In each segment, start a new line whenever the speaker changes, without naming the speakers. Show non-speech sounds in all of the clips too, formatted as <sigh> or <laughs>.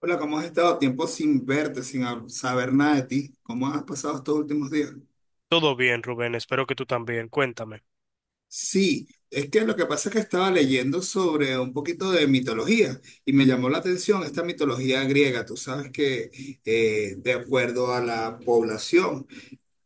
Hola, ¿cómo has estado? Tiempo sin verte, sin saber nada de ti. ¿Cómo has pasado estos últimos días?
Todo bien, Rubén, espero que tú también. Cuéntame.
Sí, es que lo que pasa es que estaba leyendo sobre un poquito de mitología y me llamó la atención esta mitología griega. Tú sabes que de acuerdo a la población,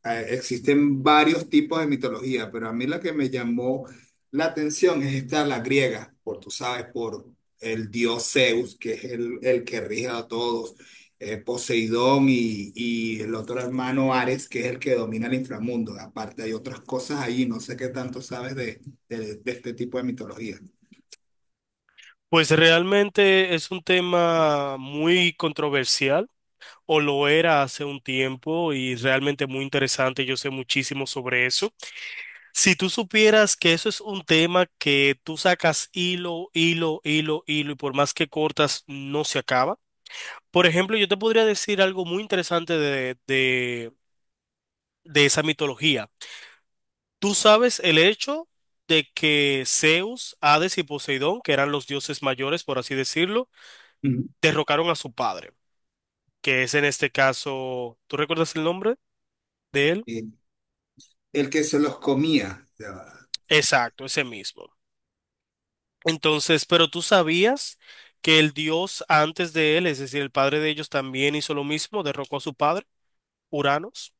existen varios tipos de mitología, pero a mí la que me llamó la atención es esta, la griega, por, tú sabes, por el dios Zeus, que es el que rige a todos, Poseidón y, el otro hermano Ares, que es el que domina el inframundo. Aparte hay otras cosas ahí, no sé qué tanto sabes de, de este tipo de mitología.
Pues realmente es un tema muy controversial, o lo era hace un tiempo, y realmente muy interesante. Yo sé muchísimo sobre eso. Si tú supieras que eso es un tema que tú sacas hilo, hilo, hilo, hilo, y por más que cortas, no se acaba. Por ejemplo, yo te podría decir algo muy interesante de esa mitología. Tú sabes el hecho de que Zeus, Hades y Poseidón, que eran los dioses mayores, por así decirlo,
Ujú.
derrocaron a su padre, que es en este caso, ¿tú recuerdas el nombre de él?
Eh, el que se los comía. Ya va.
Exacto, ese mismo. Entonces, pero tú sabías que el dios antes de él, es decir, el padre de ellos, también hizo lo mismo, derrocó a su padre, Uranos.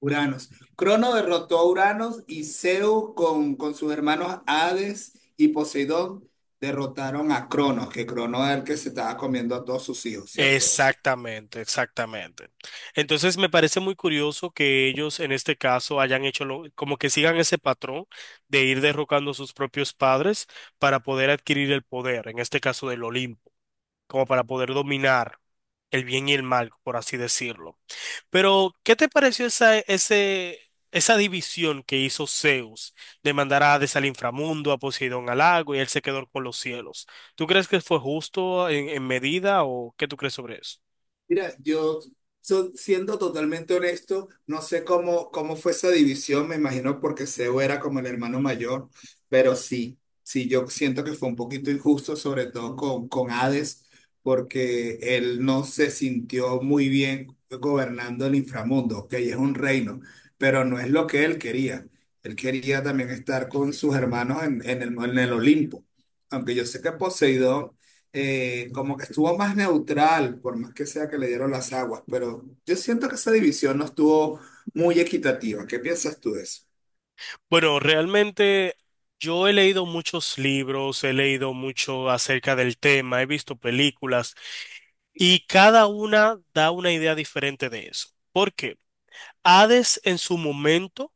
Uranos. Crono derrotó a Uranos, y Zeus con sus hermanos Hades y Poseidón derrotaron a Cronos, que Crono era el que se estaba comiendo a todos sus hijos, ¿cierto?
Exactamente, exactamente. Entonces me parece muy curioso que ellos en este caso hayan como que sigan ese patrón de ir derrocando a sus propios padres para poder adquirir el poder, en este caso del Olimpo, como para poder dominar el bien y el mal, por así decirlo. Pero, ¿qué te pareció esa división que hizo Zeus de mandar a Hades al inframundo, a Poseidón al lago y él se quedó con los cielos? ¿Tú crees que fue justo en medida o qué tú crees sobre eso?
Mira, yo, siendo totalmente honesto, no sé cómo, cómo fue esa división. Me imagino porque Seo era como el hermano mayor, pero sí, sí, yo siento que fue un poquito injusto, sobre todo con Hades, porque él no se sintió muy bien gobernando el inframundo, que es un reino, pero no es lo que él quería. Él quería también estar con sus hermanos en el Olimpo, aunque yo sé que Poseidón, como que estuvo más neutral. Por más que sea que le dieron las aguas, pero yo siento que esa división no estuvo muy equitativa. ¿Qué piensas tú de eso?
Bueno, realmente yo he leído muchos libros, he leído mucho acerca del tema, he visto películas y cada una da una idea diferente de eso. ¿Por qué? Hades en su momento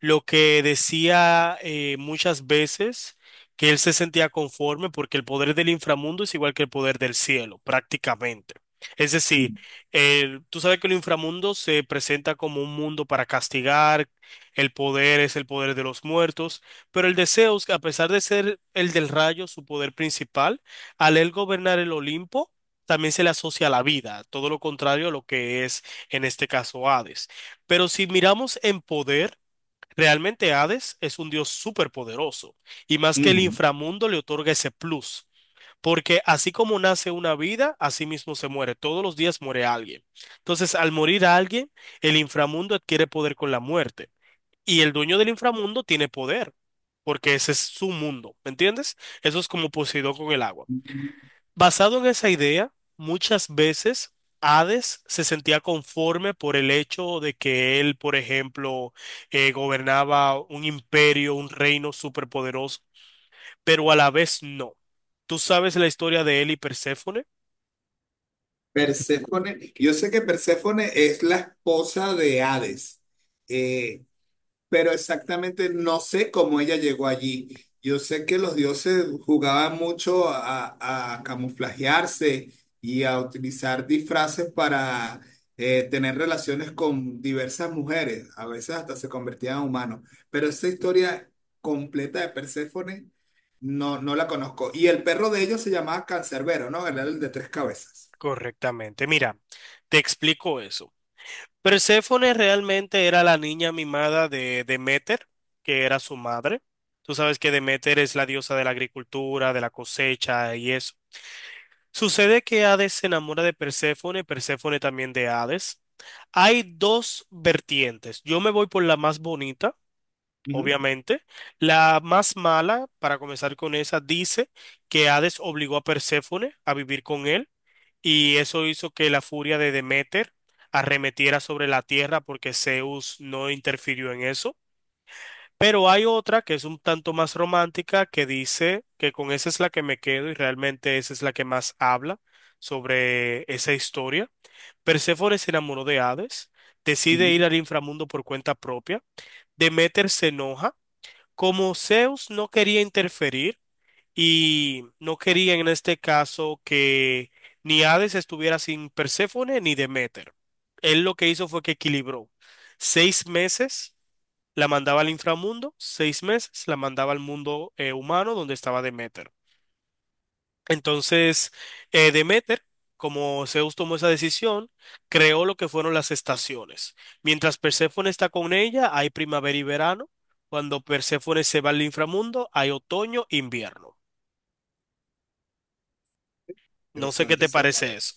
lo que decía muchas veces que él se sentía conforme porque el poder del inframundo es igual que el poder del cielo, prácticamente. Es decir, tú sabes que el inframundo se presenta como un mundo para castigar, el poder es el poder de los muertos, pero el de Zeus, a pesar de ser el del rayo su poder principal, al él gobernar el Olimpo, también se le asocia a la vida, todo lo contrario a lo que es en este caso Hades. Pero si miramos en poder, realmente Hades es un dios superpoderoso y más que el
Mm.
inframundo le otorga ese plus, porque así como nace una vida, así mismo se muere. Todos los días muere alguien. Entonces, al morir alguien, el inframundo adquiere poder con la muerte y el dueño del inframundo tiene poder, porque ese es su mundo, ¿me entiendes? Eso es como Poseidón con el agua. Basado en esa idea, muchas veces Hades se sentía conforme por el hecho de que él, por ejemplo, gobernaba un imperio, un reino superpoderoso, pero a la vez no. ¿Tú sabes la historia de él y Perséfone?
Perséfone, yo sé que Perséfone es la esposa de Hades. Eh, pero exactamente no sé cómo ella llegó allí. Yo sé que los dioses jugaban mucho a camuflajearse y a utilizar disfraces para, tener relaciones con diversas mujeres. A veces hasta se convertían en humanos. Pero esa historia completa de Perséfone no, no la conozco. Y el perro de ellos se llamaba Cancerbero, ¿no? Era el de tres cabezas.
Correctamente. Mira, te explico eso. Perséfone realmente era la niña mimada de Deméter, que era su madre. Tú sabes que Deméter es la diosa de la agricultura, de la cosecha y eso. Sucede que Hades se enamora de Perséfone, Perséfone también de Hades. Hay dos vertientes. Yo me voy por la más bonita,
Ujú,
obviamente. La más mala, para comenzar con esa, dice que Hades obligó a Perséfone a vivir con él y eso hizo que la furia de Deméter arremetiera sobre la tierra porque Zeus no interfirió en eso. Pero hay otra que es un tanto más romántica que dice que con esa es la que me quedo y realmente esa es la que más habla sobre esa historia. Perséfone se enamoró de Hades, decide
ujú.
ir al inframundo por cuenta propia, Deméter se enoja, como Zeus no quería interferir y no quería en este caso que ni Hades estuviera sin Perséfone ni Deméter. Él lo que hizo fue que equilibró seis meses la mandaba al inframundo, seis meses, la mandaba al mundo humano donde estaba Demeter. Entonces, Demeter, como Zeus tomó esa decisión, creó lo que fueron las estaciones. Mientras Perséfone está con ella, hay primavera y verano. Cuando Perséfone se va al inframundo, hay otoño e invierno. No sé qué
Interesante
te
esa
parece
parte.
eso.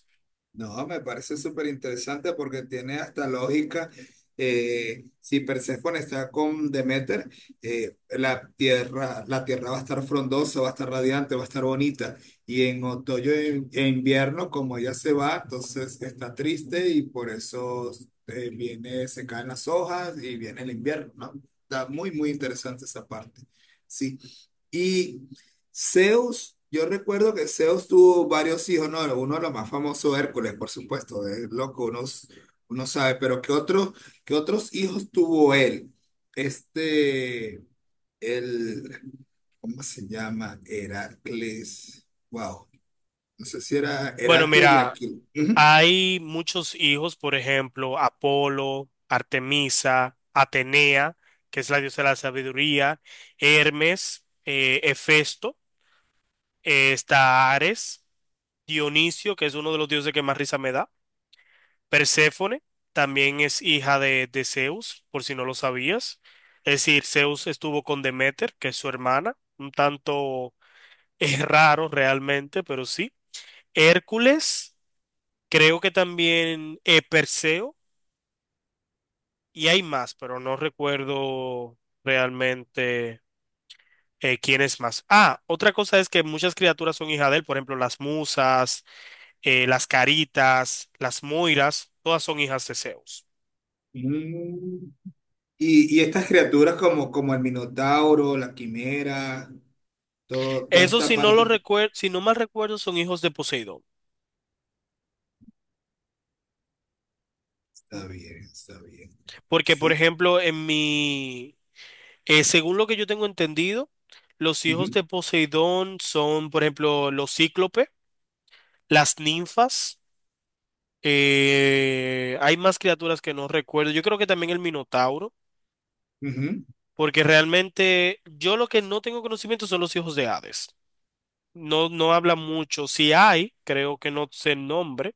No, me parece súper interesante porque tiene hasta lógica. Si Perséfone está con Demeter, la tierra va a estar frondosa, va a estar radiante, va a estar bonita. Y en otoño e invierno, como ella se va, entonces está triste y por eso, viene, se caen las hojas y viene el invierno, ¿no? Está muy, muy interesante esa parte. Sí. Y Zeus, yo recuerdo que Zeus tuvo varios hijos, ¿no? Uno de los más famosos, Hércules, por supuesto, es loco, uno, uno sabe. Pero qué otros hijos tuvo él? Este, el, ¿cómo se llama? Heracles, wow, no sé si era
Bueno,
Heracles y
mira,
Aquiles. Ujú.
hay muchos hijos, por ejemplo, Apolo, Artemisa, Atenea, que es la diosa de la sabiduría, Hermes, Hefesto, está Ares, Dionisio, que es uno de los dioses que más risa me da, Perséfone, también es hija de Zeus, por si no lo sabías. Es decir, Zeus estuvo con Deméter, que es su hermana, un tanto <laughs> es raro realmente, pero sí. Hércules, creo que también Perseo. Y hay más, pero no recuerdo realmente quién es más. Ah, otra cosa es que muchas criaturas son hijas de él, por ejemplo, las musas, las caritas, las moiras, todas son hijas de Zeus.
Mm. Y estas criaturas como, como el Minotauro, la Quimera, todo, toda
Eso
esta
si no lo
parte,
recuerdo, si no mal recuerdo, son hijos de Poseidón.
está bien,
Porque, por
sí.
ejemplo, según lo que yo tengo entendido, los hijos
Ujú,
de Poseidón son, por ejemplo, los cíclopes, las ninfas. Hay más criaturas que no recuerdo. Yo creo que también el Minotauro,
ujú.
porque realmente yo lo que no tengo conocimiento son los hijos de Hades. No, no habla mucho. Si hay, creo que no sé el nombre,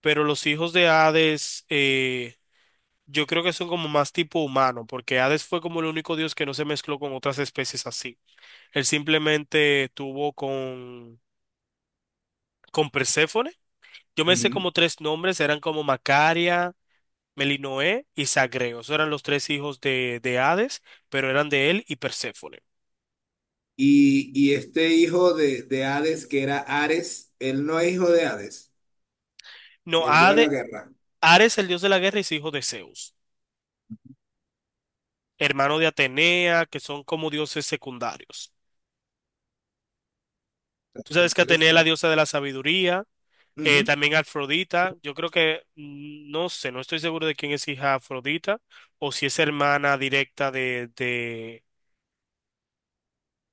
pero los hijos de Hades, yo creo que son como más tipo humano, porque Hades fue como el único dios que no se mezcló con otras especies así. Él simplemente tuvo con Perséfone. Yo me sé
Ujú.
como tres nombres, eran como Macaria, Melinoé y Zagreo. Esos eran los tres hijos de Hades, pero eran de él y Perséfone.
Y este hijo de Hades, que era Ares, él no es hijo de Hades,
No,
el dios de la
Hades,
guerra.
Ares, el dios de la guerra, es hijo de Zeus, hermano de Atenea, que son como dioses secundarios. Tú
¿Te
sabes que Atenea es
interesa?
la diosa de la sabiduría,
Ujú,
también Afrodita. Yo creo que, no sé, no estoy seguro de quién es hija Afrodita o si es hermana directa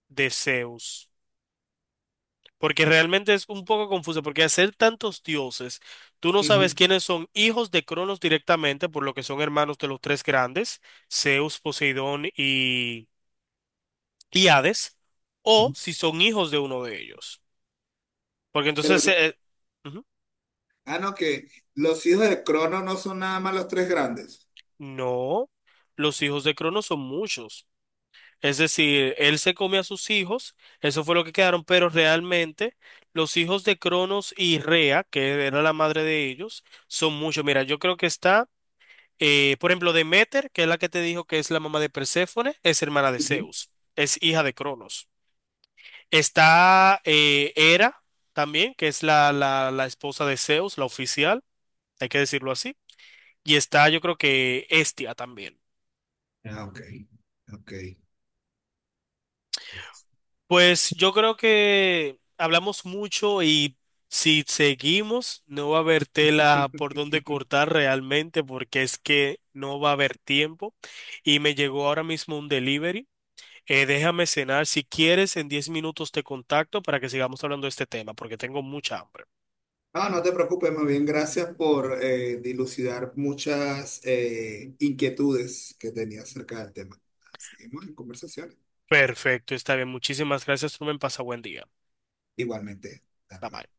de Zeus. Porque realmente es un poco confuso, porque al ser tantos dioses, tú no sabes
ujú,
quiénes son hijos de Cronos directamente, por lo que son hermanos de los tres grandes, Zeus, Poseidón y Hades, o
ujú.
si son hijos de uno de ellos. Porque
Pero,
entonces, ujú,
ah, no, que los hijos de Crono no son nada más los tres grandes.
no, los hijos de Cronos son muchos. Es decir, él se come a sus hijos, eso fue lo que quedaron, pero realmente los hijos de Cronos y Rea, que era la madre de ellos, son muchos. Mira, yo creo que está... por ejemplo, Demeter, que es la que te dijo que es la mamá de Perséfone, es hermana de
Ujú.
Zeus, es hija de Cronos. Está Hera también, que es la esposa de Zeus, la oficial, hay que decirlo así. Y está, yo creo que Hestia también.
Ah, ok, ok, ok.
Pues yo creo que hablamos mucho y si seguimos, no va a haber tela por donde
<laughs>
cortar realmente, porque es que no va a haber tiempo. Y me llegó ahora mismo un delivery. Déjame cenar. Si quieres, en 10 minutos te contacto para que sigamos hablando de este tema, porque tengo mucha hambre.
No, no te preocupes, más bien gracias por, dilucidar muchas, inquietudes que tenía acerca del tema. Seguimos en conversaciones.
Perfecto, está bien. Muchísimas gracias, Rubén. Pasa buen día.
Igualmente,
Bye
dale,
bye.
bye.